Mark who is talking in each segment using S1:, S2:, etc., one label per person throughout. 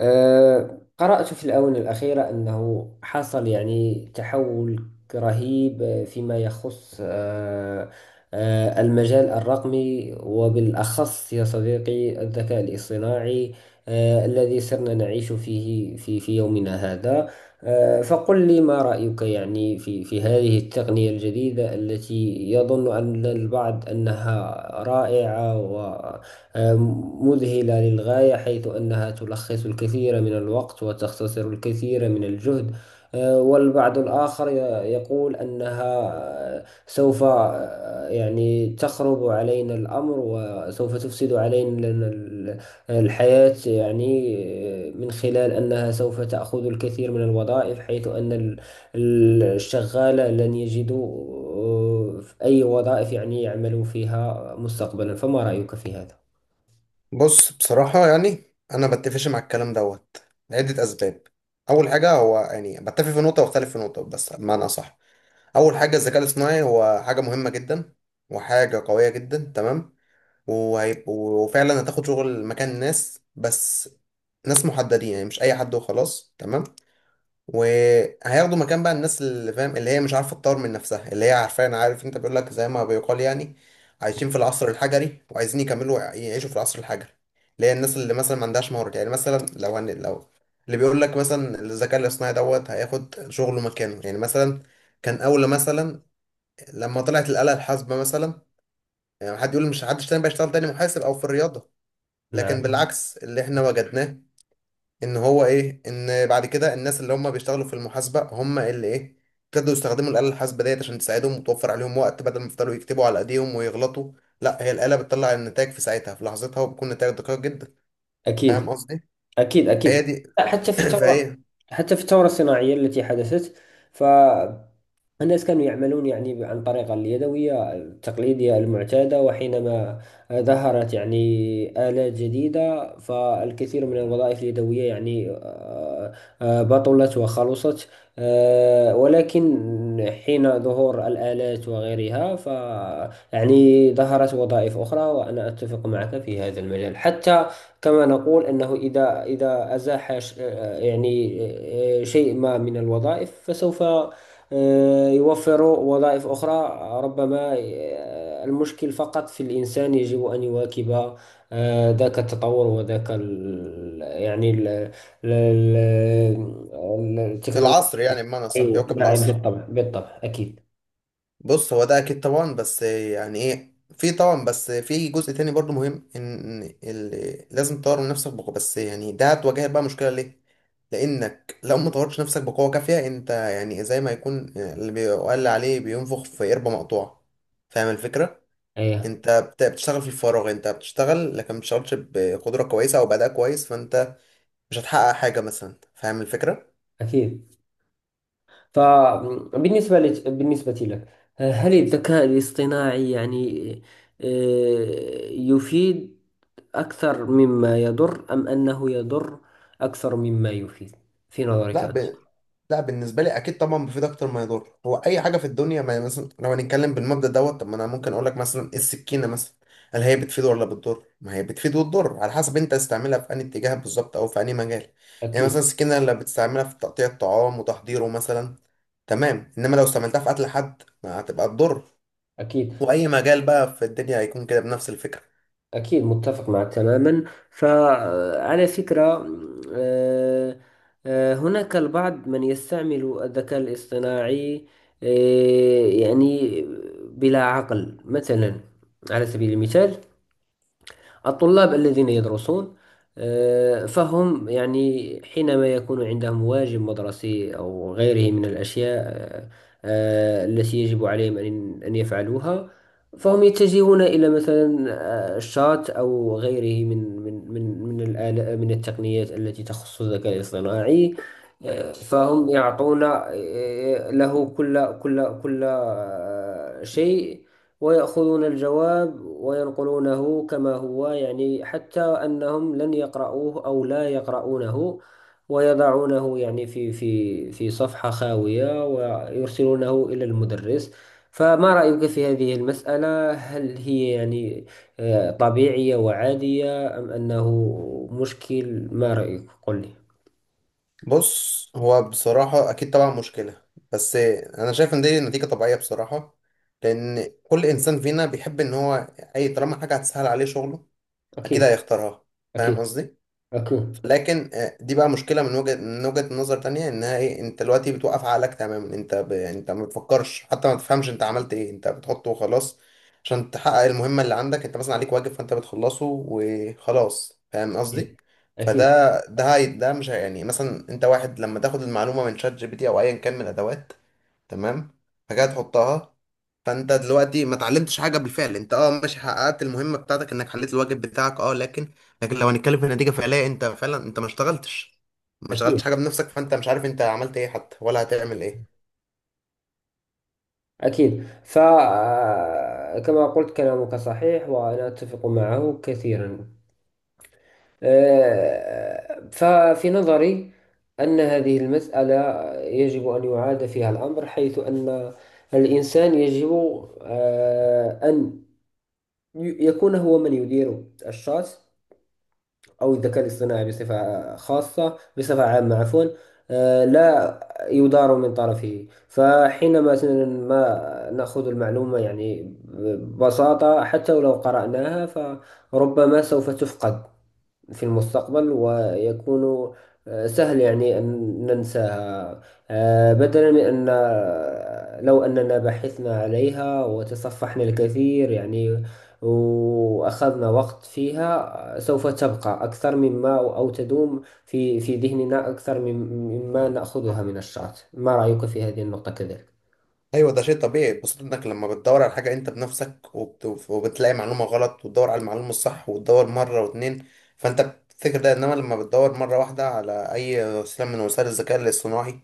S1: قرأت في الآونة الأخيرة أنه حصل يعني تحول رهيب فيما يخص أه، أه، المجال الرقمي وبالأخص يا صديقي الذكاء الاصطناعي، الذي صرنا نعيش فيه في يومنا هذا. فقل لي ما رأيك يعني في هذه التقنية الجديدة التي يظن أن البعض أنها رائعة مذهلة للغاية، حيث أنها تلخص الكثير من الوقت وتختصر الكثير من الجهد. والبعض الآخر يقول أنها سوف يعني تخرب علينا الأمر وسوف تفسد علينا الحياة، يعني من خلال أنها سوف تأخذ الكثير من الوظائف، حيث أن الشغال لن يجدوا أي وظائف يعني يعملوا فيها مستقبلا. فما رأيك في هذا؟
S2: بص، بصراحة يعني أنا بتفقش مع الكلام دوت لعدة أسباب. أول حاجة هو يعني بتفق في نقطة واختلف في نقطة، بس بمعنى أصح أول حاجة الذكاء الاصطناعي هو حاجة مهمة جدا وحاجة قوية جدا. تمام. وفعلا هتاخد شغل مكان ناس، بس ناس محددين يعني مش أي حد وخلاص. تمام. وهياخدوا مكان بقى الناس اللي فاهم اللي هي مش عارفه تطور من نفسها، اللي هي عارفين، عارف انت، بيقول لك زي ما بيقال يعني عايشين في العصر الحجري وعايزين يكملوا يعيشوا في العصر الحجري. اللي هي الناس اللي مثلا ما عندهاش مهارات. يعني مثلا لو اللي بيقول لك مثلا الذكاء الاصطناعي دوت هياخد شغله مكانه. يعني مثلا كان اول مثلا لما طلعت الآلة الحاسبة مثلا، يعني حد يقول مش حدش تاني بقى يشتغل تاني محاسب او في الرياضة. لكن
S1: نعم.
S2: بالعكس اللي احنا وجدناه ان هو ايه، ان بعد كده الناس اللي هم بيشتغلوا في المحاسبه هم اللي ايه ابتدوا يستخدموا الاله الحاسبه ديت عشان تساعدهم وتوفر عليهم وقت، بدل ما يفضلوا يكتبوا على ايديهم ويغلطوا. لا، هي الاله بتطلع النتائج في ساعتها في لحظتها وبيكون نتائج دقيق جدا. فاهم
S1: أكيد.
S2: قصدي؟
S1: أكيد أكيد.
S2: فهي دي
S1: لا، حتى في الثورة،
S2: فهي
S1: حتى في الثورة الصناعية التي حدثت، ف الناس كانوا يعملون يعني عن طريق اليدوية التقليدية المعتادة، وحينما ظهرت يعني آلات جديدة فالكثير من الوظائف اليدوية يعني بطلت وخلصت. ولكن حين ظهور الآلات وغيرها، يعني ظهرت وظائف أخرى، وأنا أتفق معك في هذا المجال. حتى كما نقول أنه إذا أزاح شيء ما من الوظائف فسوف يوفروا وظائف أخرى. ربما المشكل فقط في الإنسان، يجب أن يواكب ذاك التطور وذاك ال يعني ال ال ال- التكنولوجيا.
S2: العصر، يعني بمعنى صح
S1: أيوة.
S2: يواكب
S1: نعم،
S2: العصر.
S1: بالطبع بالطبع أكيد.
S2: بص، هو ده اكيد طبعا، بس يعني ايه، في طبعا بس في جزء تاني برضو مهم ان لازم تطور من نفسك بقوة، بس يعني ده هتواجهك بقى مشكلة ليه. لانك لو ما طورتش نفسك بقوة كافية انت، يعني زي ما يكون اللي بيقال عليه بينفخ في قربة مقطوعة. فاهم الفكرة؟
S1: أيه.
S2: انت بتشتغل في الفراغ، انت بتشتغل لكن ما بتشتغلش بقدرة كويسة او بأداء كويس، فانت مش هتحقق حاجة مثلا. فاهم الفكرة؟
S1: أكيد. بالنسبة لك، هل الذكاء الاصطناعي يعني يفيد أكثر مما يضر، أم أنه يضر أكثر مما يفيد في نظرك
S2: لا
S1: أنت؟
S2: ب... لا بالنسبه لي اكيد طبعا بيفيد اكتر ما يضر. هو اي حاجه في الدنيا، ما مثلا لو هنتكلم بالمبدا دوت، طب ما انا ممكن اقول لك مثلا إيه، السكينه مثلا هل هي بتفيد ولا بتضر؟ ما هي بتفيد وتضر على حسب انت تستعملها في انهي اتجاه بالظبط او في انهي مجال. يعني
S1: أكيد.
S2: مثلا السكينه اللي بتستعملها في تقطيع الطعام وتحضيره مثلا، تمام، انما لو استعملتها في قتل حد ما، هتبقى تضر.
S1: أكيد
S2: واي مجال بقى في الدنيا هيكون كده بنفس الفكره.
S1: أكيد. متفق معك تماما. فعلى فكرة، آه، هناك البعض من يستعمل الذكاء الاصطناعي يعني بلا عقل. مثلا على سبيل المثال، الطلاب الذين يدرسون، فهم يعني حينما يكون عندهم واجب مدرسي أو غيره من الأشياء التي يجب عليهم أن يفعلوها، فهم يتجهون إلى مثلا الشات أو غيره من الآلة، من التقنيات التي تخص الذكاء الاصطناعي. فهم يعطون له كل شيء، ويأخذون الجواب وينقلونه كما هو، يعني حتى أنهم لن يقرأوه أو لا يقرؤونه، ويضعونه يعني في صفحة خاوية ويرسلونه إلى المدرس. فما رأيك في هذه المسألة؟ هل هي يعني طبيعية وعادية، أم أنه مشكل؟ ما رأيك؟ قل لي.
S2: بص، هو بصراحة أكيد طبعا مشكلة، بس أنا شايف إن دي نتيجة طبيعية بصراحة. لأن كل إنسان فينا بيحب إن هو أي طالما حاجة هتسهل عليه شغله أكيد
S1: أكيد.
S2: هيختارها. فاهم
S1: أكيد.
S2: قصدي؟
S1: أكيد
S2: لكن دي بقى مشكله من وجهه نظر تانية، انها ايه، انت دلوقتي بتوقف عقلك تماما. يعني انت ما بتفكرش حتى، ما تفهمش انت عملت ايه، انت بتحطه وخلاص عشان تحقق المهمه اللي عندك. انت مثلا عليك واجب فانت بتخلصه وخلاص. فاهم قصدي؟
S1: أكيد.
S2: فده ده هي... ده مش هي- يعني مثلا انت واحد لما تاخد المعلومه من شات جي بي تي او ايا كان من الادوات، تمام، فجاه تحطها. فانت دلوقتي ما اتعلمتش حاجه بالفعل. انت ماشي حققت المهمه بتاعتك انك حليت الواجب بتاعك، لكن لو هنتكلم في نتيجة فعلية انت فعلا انت ما اشتغلتش،
S1: أكيد.
S2: حاجة بنفسك. فانت مش عارف انت عملت ايه حتى ولا هتعمل ايه.
S1: أكيد. فكما قلت، كلامك صحيح وأنا أتفق معه كثيرا. ففي نظري أن هذه المسألة يجب أن يعاد فيها الأمر، حيث أن الإنسان يجب أن يكون هو من يدير الشخص أو الذكاء الاصطناعي بصفة خاصة، بصفة عامة عفوا، لا يدار من طرفه. فحينما مثلا ما نأخذ المعلومة يعني ببساطة، حتى ولو قرأناها فربما سوف تفقد في المستقبل، ويكون سهل يعني أن ننساها. بدلا من أن لو أننا بحثنا عليها وتصفحنا الكثير يعني وأخذنا وقت فيها، سوف تبقى أكثر مما، أو تدوم في ذهننا أكثر مما نأخذها من الشات. ما رأيك في هذه النقطة كذلك؟
S2: ايوه، ده شيء طبيعي. بخصوص انك لما بتدور على حاجة انت بنفسك وبتلاقي معلومة غلط وتدور على المعلومة الصح وتدور مرة واتنين، فانت بتفتكر ده. انما لما بتدور مرة واحدة على اي وسيلة من وسائل الذكاء الاصطناعي،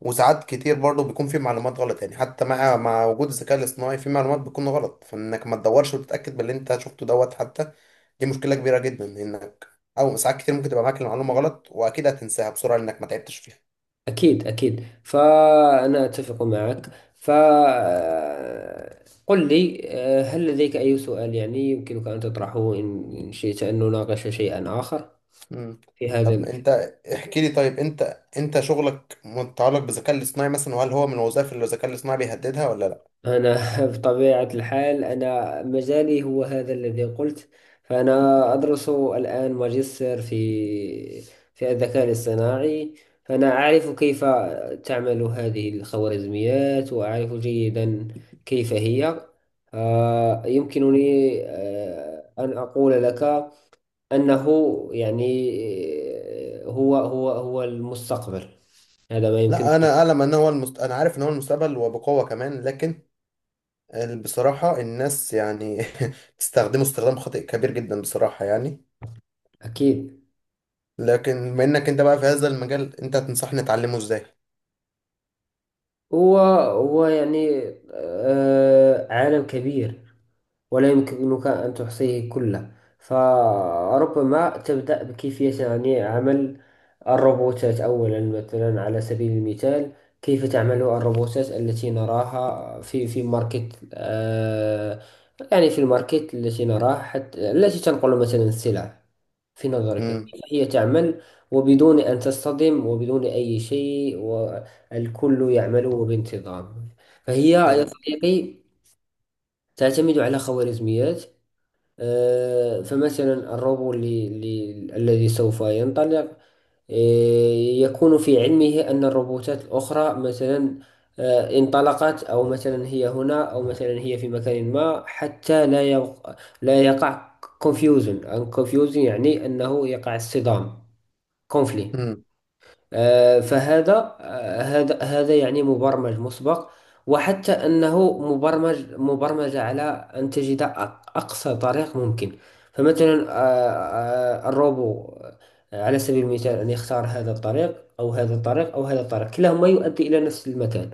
S2: وساعات كتير برضه بيكون في معلومات غلط، يعني حتى مع وجود الذكاء الاصطناعي في معلومات بتكون غلط، فانك ما تدورش وتتأكد باللي انت شفته دوت حتى. دي مشكلة كبيرة جدا، انك او ساعات كتير ممكن تبقى معاك المعلومة غلط واكيد هتنساها بسرعة لانك ما تعبتش فيها.
S1: أكيد أكيد. فأنا أتفق معك. فقل لي، هل لديك أي سؤال يعني يمكنك أن تطرحه، إن شئت أن نناقش شيئا آخر
S2: مم.
S1: في
S2: طب
S1: هذا.
S2: انت احكي لي، طيب انت، انت شغلك متعلق بالذكاء الاصطناعي مثلا، وهل هو من الوظائف اللي الذكاء الاصطناعي بيهددها ولا لا؟
S1: أنا بطبيعة الحال أنا مجالي هو هذا الذي قلت. فأنا أدرس الآن ماجستير في الذكاء الاصطناعي، فأنا أعرف كيف تعمل هذه الخوارزميات، وأعرف جيدا كيف هي. يمكنني أن أقول لك أنه يعني هو المستقبل، هذا ما يمكن.
S2: لا، انا عارف ان هو المستقبل وبقوة كمان. لكن بصراحة الناس يعني بتستخدمه استخدام خاطئ كبير جدا بصراحة يعني.
S1: أكيد.
S2: لكن بما انك انت بقى في هذا المجال، انت تنصحني اتعلمه ازاي؟
S1: هو هو يعني آه عالم كبير، ولا يمكنك أن تحصيه كله. فربما تبدأ بكيفية يعني عمل الروبوتات أولا، مثلا على سبيل المثال، كيف تعمل الروبوتات التي نراها في ماركت، آه يعني في الماركت التي نراها، حتى التي تنقل مثلا السلع. في نظرك كيف
S2: امم.
S1: هي تعمل وبدون أن تصطدم وبدون أي شيء، والكل يعمل بانتظام؟ فهي يا
S2: يعني.
S1: صديقي تعتمد على خوارزميات. فمثلا الروبو اللي الذي سوف ينطلق آه، يكون في علمه أن الروبوتات الأخرى مثلا انطلقت، أو مثلا هي هنا، أو مثلا هي في مكان ما، حتى لا يقع confusion and confusion، يعني أنه يقع اصطدام، conflict.
S2: امم.
S1: فهذا هذا هذا يعني مبرمج مسبق، وحتى أنه مبرمج على أن تجد أقصى طريق ممكن. فمثلا الروبو، على سبيل المثال، أن يختار هذا الطريق أو هذا الطريق أو هذا الطريق، كلاهما يؤدي إلى نفس المكان،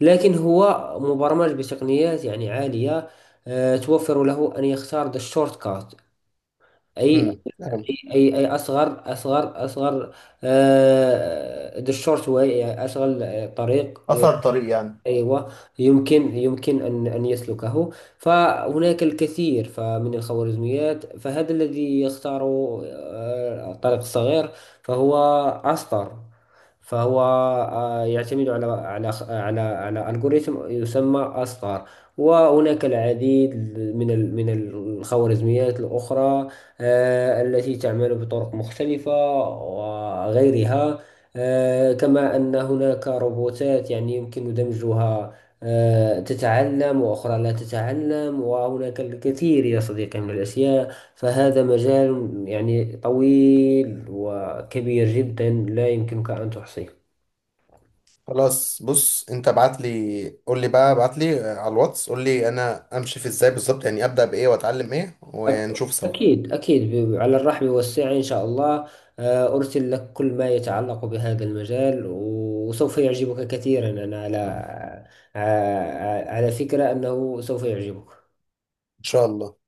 S1: لكن هو مبرمج بتقنيات يعني عالية توفر له أن يختار the shortcut، أي
S2: امم.
S1: اي اصغر اصغر، ذا شورت واي، اشغل طريق
S2: اثر طريق يعني.
S1: ايوه يمكن، يمكن ان يسلكه. فهناك الكثير فمن الخوارزميات، فهذا الذي يختار الطريق الصغير، فهو اصطر، فهو يعتمد على ألغوريثم يسمى أستار. وهناك العديد من من الخوارزميات الأخرى التي تعمل بطرق مختلفة وغيرها. كما أن هناك روبوتات يعني يمكن دمجها، تتعلم وأخرى لا تتعلم، وهناك الكثير يا صديقي من الأشياء. فهذا مجال يعني طويل وكبير جدا، لا يمكنك أن تحصيه.
S2: خلاص، بص، انت ابعت لي، قول لي بقى، ابعت لي على الواتس، قول لي انا امشي في ازاي بالظبط، يعني ابدا بايه واتعلم ايه ونشوف سوا.
S1: أكيد أكيد. على الرحب والسعة إن شاء الله. أرسل لك كل ما يتعلق بهذا المجال وسوف يعجبك كثيرا. أنا على على فكرة أنه سوف يعجبك.
S2: ان شاء الله.